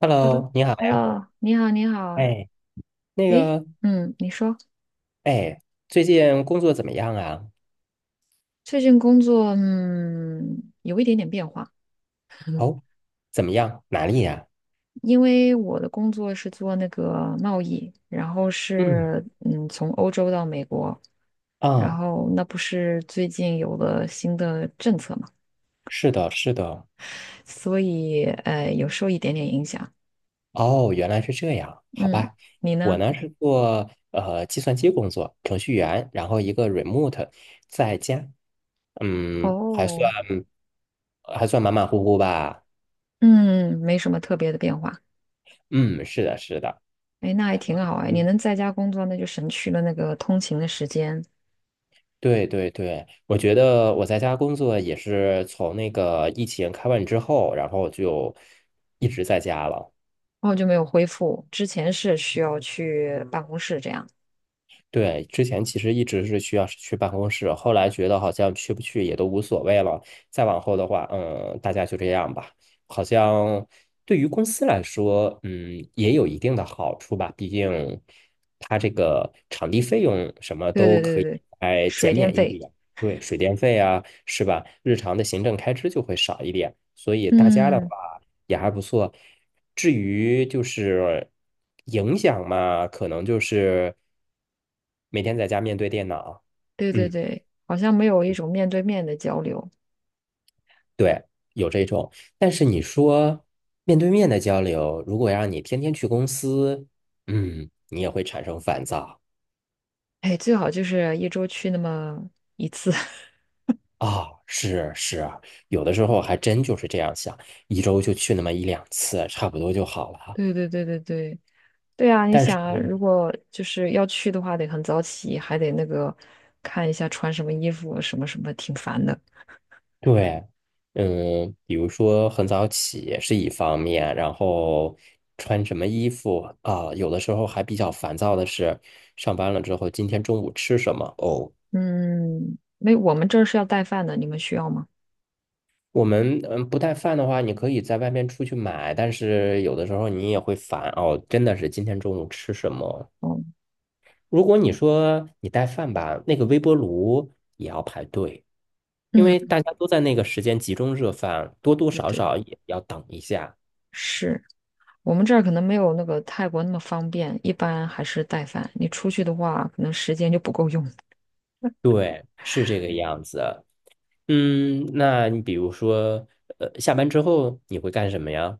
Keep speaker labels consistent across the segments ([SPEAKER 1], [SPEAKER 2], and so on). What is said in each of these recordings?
[SPEAKER 1] Hello，你好呀。
[SPEAKER 2] Hello，Hello，你好，你好，
[SPEAKER 1] 哎，那
[SPEAKER 2] 诶，
[SPEAKER 1] 个，
[SPEAKER 2] 嗯，你说
[SPEAKER 1] 哎，最近工作怎么样啊？
[SPEAKER 2] 最近工作，有一点点变化。
[SPEAKER 1] 哦，怎么样？哪里呀？
[SPEAKER 2] 因为我的工作是做那个贸易，然后
[SPEAKER 1] 嗯，
[SPEAKER 2] 是从欧洲到美国。然
[SPEAKER 1] 啊，
[SPEAKER 2] 后那不是最近有了新的政策嘛，
[SPEAKER 1] 是的，是的。
[SPEAKER 2] 所以有受一点点影响。
[SPEAKER 1] 哦，原来是这样，好
[SPEAKER 2] 嗯，
[SPEAKER 1] 吧。
[SPEAKER 2] 你
[SPEAKER 1] 我
[SPEAKER 2] 呢？
[SPEAKER 1] 呢是做计算机工作，程序员，然后一个 remote 在家，嗯，还算
[SPEAKER 2] 哦，
[SPEAKER 1] 马马虎虎吧。
[SPEAKER 2] 嗯，没什么特别的变化。
[SPEAKER 1] 嗯，是的，是的。
[SPEAKER 2] 哎，那还挺好哎，你
[SPEAKER 1] 嗯。
[SPEAKER 2] 能在家工作，那就省去了那个通勤的时间。
[SPEAKER 1] 对对对，我觉得我在家工作也是从那个疫情开完之后，然后就一直在家了。
[SPEAKER 2] 然后就没有恢复。之前是需要去办公室这样。
[SPEAKER 1] 对，之前其实一直是需要是去办公室，后来觉得好像去不去也都无所谓了。再往后的话，大家就这样吧。好像对于公司来说，也有一定的好处吧。毕竟它这个场地费用什么
[SPEAKER 2] 对
[SPEAKER 1] 都
[SPEAKER 2] 对
[SPEAKER 1] 可
[SPEAKER 2] 对
[SPEAKER 1] 以
[SPEAKER 2] 对，
[SPEAKER 1] 来
[SPEAKER 2] 水
[SPEAKER 1] 减
[SPEAKER 2] 电
[SPEAKER 1] 免一
[SPEAKER 2] 费，
[SPEAKER 1] 点，对，水电费啊，是吧？日常的行政开支就会少一点。所以大家的话。
[SPEAKER 2] 嗯，
[SPEAKER 1] 也还不错。至于就是影响嘛，可能就是每天在家面对电脑，
[SPEAKER 2] 对对
[SPEAKER 1] 嗯，
[SPEAKER 2] 对，好像没有一种面对面的交流。
[SPEAKER 1] 对，有这种。但是你说面对面的交流，如果让你天天去公司，你也会产生烦躁。
[SPEAKER 2] 哎，最好就是一周去那么一次。
[SPEAKER 1] 啊、是是啊，有的时候还真就是这样想，一周就去那么一两次，差不多就好了。
[SPEAKER 2] 对对对对对，对啊，你
[SPEAKER 1] 但是
[SPEAKER 2] 想啊如果就是要去的话，得很早起，还得那个看一下穿什么衣服，什么什么，挺烦的。
[SPEAKER 1] 对，比如说很早起是一方面，然后穿什么衣服啊，有的时候还比较烦躁的是，上班了之后今天中午吃什么？哦，
[SPEAKER 2] 嗯，没，我们这儿是要带饭的，你们需要吗？
[SPEAKER 1] 我们不带饭的话，你可以在外面出去买，但是有的时候你也会烦哦，真的是今天中午吃什么？
[SPEAKER 2] 哦，
[SPEAKER 1] 如果你说你带饭吧，那个微波炉也要排队，因为
[SPEAKER 2] 嗯，
[SPEAKER 1] 大家都在那个时间集中热饭，多多
[SPEAKER 2] 对
[SPEAKER 1] 少
[SPEAKER 2] 对，
[SPEAKER 1] 少也要等一下。
[SPEAKER 2] 是。我们这儿可能没有那个泰国那么方便，一般还是带饭。你出去的话，可能时间就不够用。
[SPEAKER 1] 对，是这个样子。嗯，那你比如说，下班之后你会干什么呀？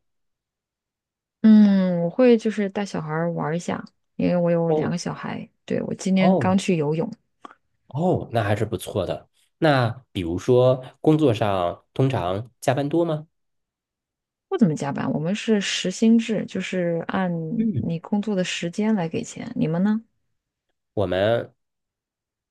[SPEAKER 2] 嗯，我会就是带小孩儿玩儿一下，因为我有两个
[SPEAKER 1] 哦
[SPEAKER 2] 小孩。对，我今天刚
[SPEAKER 1] 哦
[SPEAKER 2] 去游泳。
[SPEAKER 1] 哦，那还是不错的。那比如说，工作上通常加班多吗？
[SPEAKER 2] 不怎么加班，我们是时薪制，就是按
[SPEAKER 1] 嗯，
[SPEAKER 2] 你工作的时间来给钱。你们呢？
[SPEAKER 1] 我们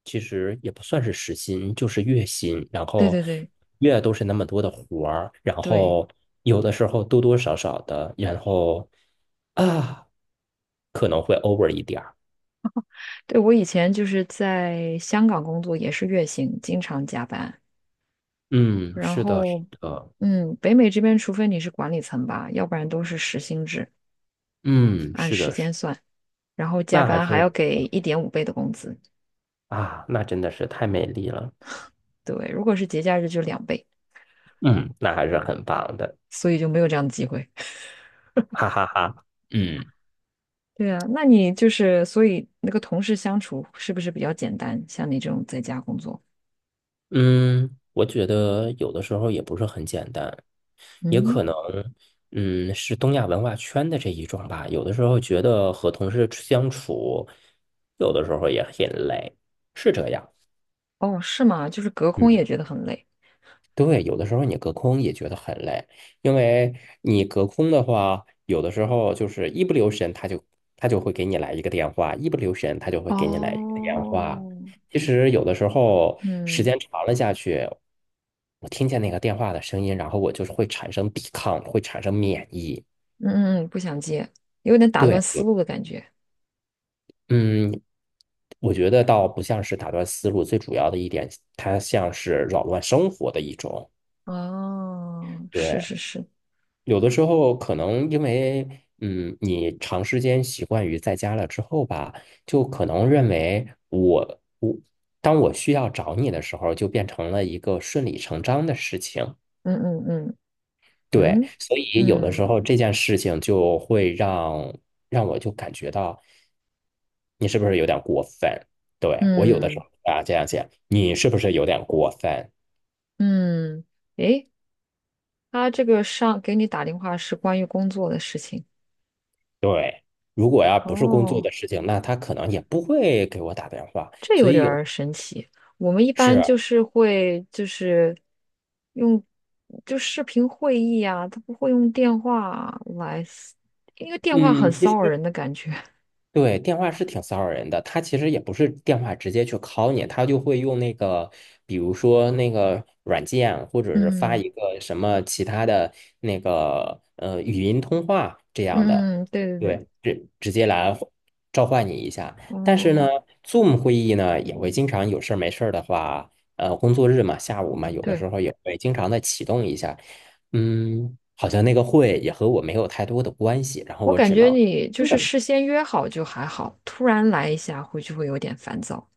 [SPEAKER 1] 其实也不算是时薪，就是月薪，然
[SPEAKER 2] 对
[SPEAKER 1] 后
[SPEAKER 2] 对对
[SPEAKER 1] 月都是那么多的活儿，然
[SPEAKER 2] 对
[SPEAKER 1] 后有的时候多多少少的，然后啊，可能会 over 一点儿。
[SPEAKER 2] 对，我以前就是在香港工作，也是月薪，经常加班。
[SPEAKER 1] 嗯，
[SPEAKER 2] 然
[SPEAKER 1] 是的，是
[SPEAKER 2] 后，
[SPEAKER 1] 的。
[SPEAKER 2] 北美这边，除非你是管理层吧，要不然都是时薪制。
[SPEAKER 1] 嗯，
[SPEAKER 2] 按
[SPEAKER 1] 是
[SPEAKER 2] 时
[SPEAKER 1] 的，是，
[SPEAKER 2] 间算，然后加
[SPEAKER 1] 那还
[SPEAKER 2] 班还
[SPEAKER 1] 是
[SPEAKER 2] 要给1.5倍的工资。
[SPEAKER 1] 那真的是太美丽了，
[SPEAKER 2] 对，如果是节假日就2倍，
[SPEAKER 1] 嗯，那还是很棒的，
[SPEAKER 2] 所以就没有这样的机会。
[SPEAKER 1] 哈哈哈，嗯
[SPEAKER 2] 对啊，那你就是所以那个同事相处是不是比较简单？像你这种在家工作，
[SPEAKER 1] 嗯，我觉得有的时候也不是很简单，也
[SPEAKER 2] 嗯，
[SPEAKER 1] 可能，是东亚文化圈的这一种吧，有的时候觉得和同事相处，有的时候也很累，是这样，
[SPEAKER 2] 哦，是吗？就是隔空
[SPEAKER 1] 嗯。
[SPEAKER 2] 也觉得很累。
[SPEAKER 1] 对，有的时候你隔空也觉得很累，因为你隔空的话，有的时候就是一不留神，他就会给你来一个电话，一不留神他就会给你来一个电话。
[SPEAKER 2] 哦，
[SPEAKER 1] 其实有的时候时
[SPEAKER 2] 嗯
[SPEAKER 1] 间长了下去，我听见那个电话的声音，然后我就是会产生抵抗，会产生免疫。
[SPEAKER 2] 嗯嗯，不想接，有点打断
[SPEAKER 1] 对，
[SPEAKER 2] 思
[SPEAKER 1] 有
[SPEAKER 2] 路的感觉。
[SPEAKER 1] 嗯，我觉得倒不像是打断思路，最主要的一点，它像是扰乱生活的一种。
[SPEAKER 2] 哦，是
[SPEAKER 1] 对。
[SPEAKER 2] 是是，
[SPEAKER 1] 有的时候可能因为，嗯，你长时间习惯于在家了之后吧，就可能认为我当我需要找你的时候，就变成了一个顺理成章的事情。
[SPEAKER 2] 嗯嗯嗯
[SPEAKER 1] 对，
[SPEAKER 2] 嗯
[SPEAKER 1] 所以有的时
[SPEAKER 2] 嗯
[SPEAKER 1] 候这件事情就会让我就感觉到你是不是有点过分？对，我有的时
[SPEAKER 2] 嗯
[SPEAKER 1] 候啊这样想，你是不是有点过分？
[SPEAKER 2] 嗯，诶，他这个上给你打电话是关于工作的事情。
[SPEAKER 1] 对，如果要不是工作
[SPEAKER 2] 哦，
[SPEAKER 1] 的事情，那他可能也不会给我打电话。
[SPEAKER 2] 这
[SPEAKER 1] 所
[SPEAKER 2] 有
[SPEAKER 1] 以
[SPEAKER 2] 点
[SPEAKER 1] 有。
[SPEAKER 2] 儿神奇。我们一般
[SPEAKER 1] 是，
[SPEAKER 2] 就是会就是用就视频会议啊，他不会用电话来，因为电话很
[SPEAKER 1] 嗯，其
[SPEAKER 2] 骚
[SPEAKER 1] 实
[SPEAKER 2] 扰人的感觉。
[SPEAKER 1] 对，电话是挺骚扰人的。他其实也不是电话直接去 call 你，他就会用那个，比如说那个软件，或者是发
[SPEAKER 2] 嗯
[SPEAKER 1] 一个什么其他的那个语音通话这样的，
[SPEAKER 2] 嗯，对对对，
[SPEAKER 1] 对，直接来召唤你一下。但是呢
[SPEAKER 2] 哦，
[SPEAKER 1] ，Zoom 会议呢也会经常有事儿没事儿的话，工作日嘛，下午嘛，有的
[SPEAKER 2] 对，
[SPEAKER 1] 时候也会经常的启动一下。嗯，好像那个会也和我没有太多的关系，然后
[SPEAKER 2] 我
[SPEAKER 1] 我
[SPEAKER 2] 感
[SPEAKER 1] 只
[SPEAKER 2] 觉
[SPEAKER 1] 能。
[SPEAKER 2] 你就是事先约好就还好，突然来一下会就会有点烦躁。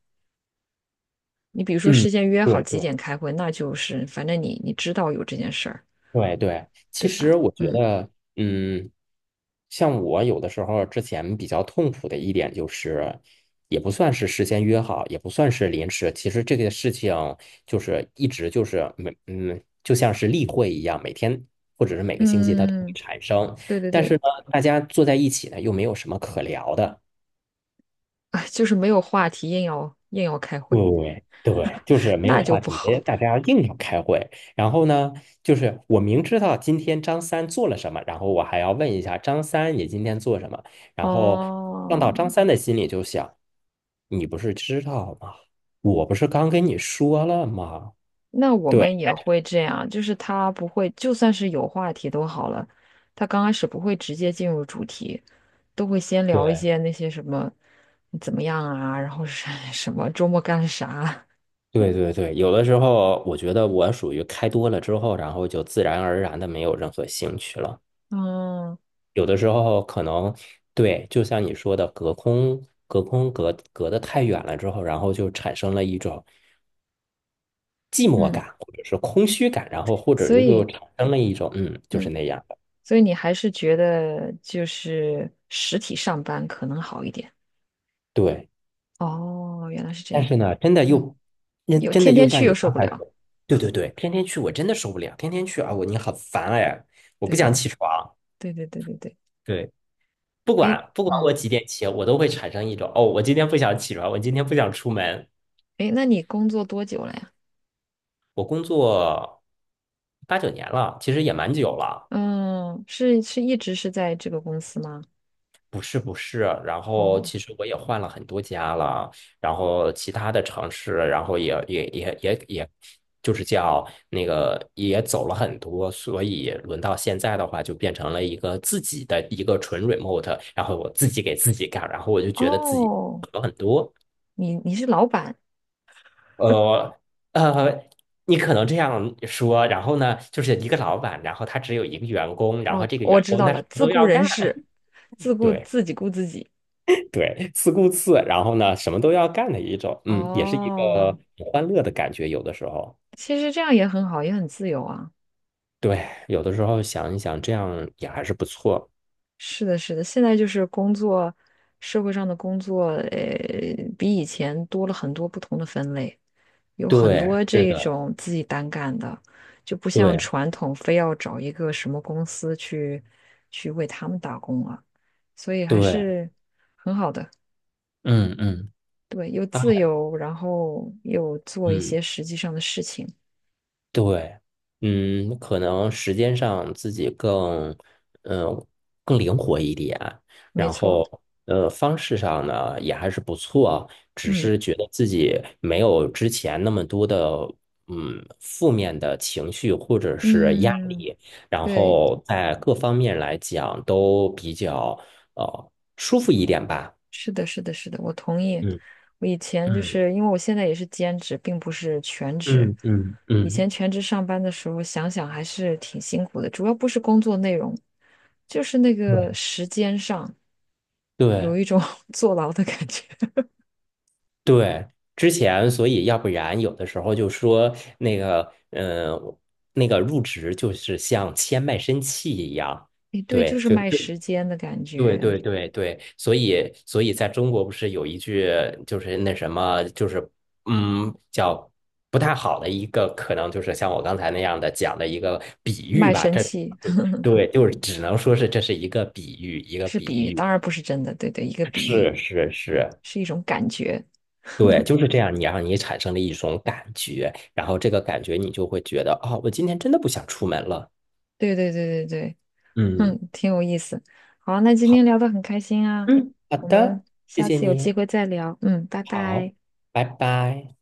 [SPEAKER 2] 你比如说事
[SPEAKER 1] 嗯，
[SPEAKER 2] 先约好
[SPEAKER 1] 对
[SPEAKER 2] 几
[SPEAKER 1] 对
[SPEAKER 2] 点开会，那就是反正你知道有这件事儿。
[SPEAKER 1] 对对，其
[SPEAKER 2] 对吧？
[SPEAKER 1] 实我觉
[SPEAKER 2] 嗯
[SPEAKER 1] 得，嗯，像我有的时候之前比较痛苦的一点就是，也不算是事先约好，也不算是临时，其实这个事情就是一直就是就像是例会一样，每天或者是每个星期它都会
[SPEAKER 2] 嗯，
[SPEAKER 1] 产生，
[SPEAKER 2] 对对
[SPEAKER 1] 但是
[SPEAKER 2] 对，
[SPEAKER 1] 呢，大家坐在一起呢又没有什么可聊的。
[SPEAKER 2] 哎，就是没有话题，硬要硬要开会，
[SPEAKER 1] 对对，就是没有
[SPEAKER 2] 那就
[SPEAKER 1] 话
[SPEAKER 2] 不
[SPEAKER 1] 题，
[SPEAKER 2] 好。
[SPEAKER 1] 大家硬要开会。然后呢，就是我明知道今天张三做了什么，然后我还要问一下张三你今天做什么。然后放到
[SPEAKER 2] 哦，
[SPEAKER 1] 张三的心里就想，你不是知道吗？我不是刚跟你说了吗？
[SPEAKER 2] 那我
[SPEAKER 1] 对
[SPEAKER 2] 们也会这样，就是他不会，就算是有话题都好了，他刚开始不会直接进入主题，都会先聊一
[SPEAKER 1] 对
[SPEAKER 2] 些那些什么你怎么样啊，然后是 什么周末干了啥，
[SPEAKER 1] 对对对，有的时候我觉得我属于开多了之后，然后就自然而然的没有任何兴趣了。
[SPEAKER 2] 嗯
[SPEAKER 1] 有的时候可能对，就像你说的，隔空、隔空隔、隔得太远了之后，然后就产生了一种寂寞
[SPEAKER 2] 嗯，
[SPEAKER 1] 感，或者是空虚感，然后或者
[SPEAKER 2] 所
[SPEAKER 1] 是就
[SPEAKER 2] 以
[SPEAKER 1] 产生了一种就是
[SPEAKER 2] 嗯，
[SPEAKER 1] 那样的。
[SPEAKER 2] 所以你还是觉得就是实体上班可能好一点。
[SPEAKER 1] 对，
[SPEAKER 2] 哦，原来是这
[SPEAKER 1] 但
[SPEAKER 2] 样。
[SPEAKER 1] 是呢，真的
[SPEAKER 2] 嗯，
[SPEAKER 1] 又，那
[SPEAKER 2] 有
[SPEAKER 1] 真的
[SPEAKER 2] 天
[SPEAKER 1] 又
[SPEAKER 2] 天
[SPEAKER 1] 像
[SPEAKER 2] 去又
[SPEAKER 1] 你
[SPEAKER 2] 受
[SPEAKER 1] 刚
[SPEAKER 2] 不
[SPEAKER 1] 才说
[SPEAKER 2] 了。
[SPEAKER 1] 的，对对对，天天去我真的受不了，天天去啊，我你好烦哎，我不
[SPEAKER 2] 对
[SPEAKER 1] 想
[SPEAKER 2] 对
[SPEAKER 1] 起床。
[SPEAKER 2] 对对对对对。
[SPEAKER 1] 对，
[SPEAKER 2] 哎，
[SPEAKER 1] 不管我
[SPEAKER 2] 嗯，
[SPEAKER 1] 几点起，我都会产生一种哦，我今天不想起床，我今天不想出门。
[SPEAKER 2] 哎，那你工作多久了呀？
[SPEAKER 1] 我工作8、9年了，其实也蛮久了。
[SPEAKER 2] 嗯，是一直是在这个公司吗？
[SPEAKER 1] 不是不是，然后
[SPEAKER 2] 哦
[SPEAKER 1] 其实我也换了很多家了，然后其他的城市，然后也，就是叫那个也走了很多，所以轮到现在的话，就变成了一个自己的一个纯 remote，然后我自己给自己干，然后我就觉得自己
[SPEAKER 2] 哦，
[SPEAKER 1] 好很多。
[SPEAKER 2] 你是老板
[SPEAKER 1] 呃呃，你可能这样说，然后呢，就是一个老板，然后他只有一个员工，然后
[SPEAKER 2] 哦，
[SPEAKER 1] 这个
[SPEAKER 2] 我
[SPEAKER 1] 员
[SPEAKER 2] 知
[SPEAKER 1] 工
[SPEAKER 2] 道
[SPEAKER 1] 他
[SPEAKER 2] 了，
[SPEAKER 1] 什么
[SPEAKER 2] 自
[SPEAKER 1] 都
[SPEAKER 2] 雇
[SPEAKER 1] 要干，
[SPEAKER 2] 人士，自 雇
[SPEAKER 1] 对
[SPEAKER 2] 自己雇自己。
[SPEAKER 1] 对，自顾自，然后呢，什么都要干的一种，也是一个
[SPEAKER 2] 哦，
[SPEAKER 1] 很欢乐的感觉，有的时候，
[SPEAKER 2] 其实这样也很好，也很自由啊。
[SPEAKER 1] 对，有的时候想一想，这样也还是不错，
[SPEAKER 2] 是的，是的，现在就是工作，社会上的工作，比以前多了很多不同的分类。有很
[SPEAKER 1] 对，
[SPEAKER 2] 多
[SPEAKER 1] 是
[SPEAKER 2] 这
[SPEAKER 1] 的，
[SPEAKER 2] 种自己单干的，就不像
[SPEAKER 1] 对
[SPEAKER 2] 传统非要找一个什么公司去为他们打工了，所以还
[SPEAKER 1] 对，
[SPEAKER 2] 是很好的，
[SPEAKER 1] 嗯嗯
[SPEAKER 2] 对，又
[SPEAKER 1] 啊
[SPEAKER 2] 自由，然后又做一
[SPEAKER 1] 嗯。
[SPEAKER 2] 些实际上的事情，
[SPEAKER 1] 对，可能时间上自己更，嗯、更灵活一点，
[SPEAKER 2] 没
[SPEAKER 1] 然
[SPEAKER 2] 错，
[SPEAKER 1] 后，方式上呢也还是不错，只
[SPEAKER 2] 嗯
[SPEAKER 1] 是觉得自己没有之前那么多的，负面的情绪或者是压
[SPEAKER 2] 嗯，
[SPEAKER 1] 力，然
[SPEAKER 2] 对。
[SPEAKER 1] 后在各方面来讲都比较，舒服一点吧。
[SPEAKER 2] 是的，是的，是的，我同意。
[SPEAKER 1] 嗯
[SPEAKER 2] 我以前就
[SPEAKER 1] 嗯
[SPEAKER 2] 是因为我现在也是兼职，并不是全职。
[SPEAKER 1] 嗯嗯
[SPEAKER 2] 以
[SPEAKER 1] 嗯，
[SPEAKER 2] 前全职上班的时候，想想还是挺辛苦的，主要不是工作内容，就是那个时间上有
[SPEAKER 1] 对。
[SPEAKER 2] 一种 坐牢的感觉。
[SPEAKER 1] 对，之前所以要不然有的时候就说那个，那个入职就是像签卖身契一样，
[SPEAKER 2] 诶，对，就
[SPEAKER 1] 对，
[SPEAKER 2] 是卖时间的感
[SPEAKER 1] 对
[SPEAKER 2] 觉，
[SPEAKER 1] 对对对，所以在中国不是有一句就是那什么就是叫不太好的一个可能就是像我刚才那样的讲的一个比喻
[SPEAKER 2] 卖
[SPEAKER 1] 吧，
[SPEAKER 2] 身
[SPEAKER 1] 这
[SPEAKER 2] 契
[SPEAKER 1] 对，就是只能说是这是一个比喻，一个
[SPEAKER 2] 是比喻，
[SPEAKER 1] 比喻，
[SPEAKER 2] 当然不是真的。对对，一个比喻
[SPEAKER 1] 是是是，
[SPEAKER 2] 是一种感觉。
[SPEAKER 1] 对，就是这样，你让你产生了一种感觉，然后这个感觉你就会觉得，哦，我今天真的不想出门了。
[SPEAKER 2] 对对对对对。
[SPEAKER 1] 嗯，
[SPEAKER 2] 嗯，挺有意思。好，那今天
[SPEAKER 1] 好，
[SPEAKER 2] 聊得很开心啊，
[SPEAKER 1] 嗯，好
[SPEAKER 2] 我
[SPEAKER 1] 的，
[SPEAKER 2] 们
[SPEAKER 1] 谢
[SPEAKER 2] 下
[SPEAKER 1] 谢
[SPEAKER 2] 次有
[SPEAKER 1] 你，
[SPEAKER 2] 机会再聊。嗯，拜
[SPEAKER 1] 好，
[SPEAKER 2] 拜。
[SPEAKER 1] 拜拜。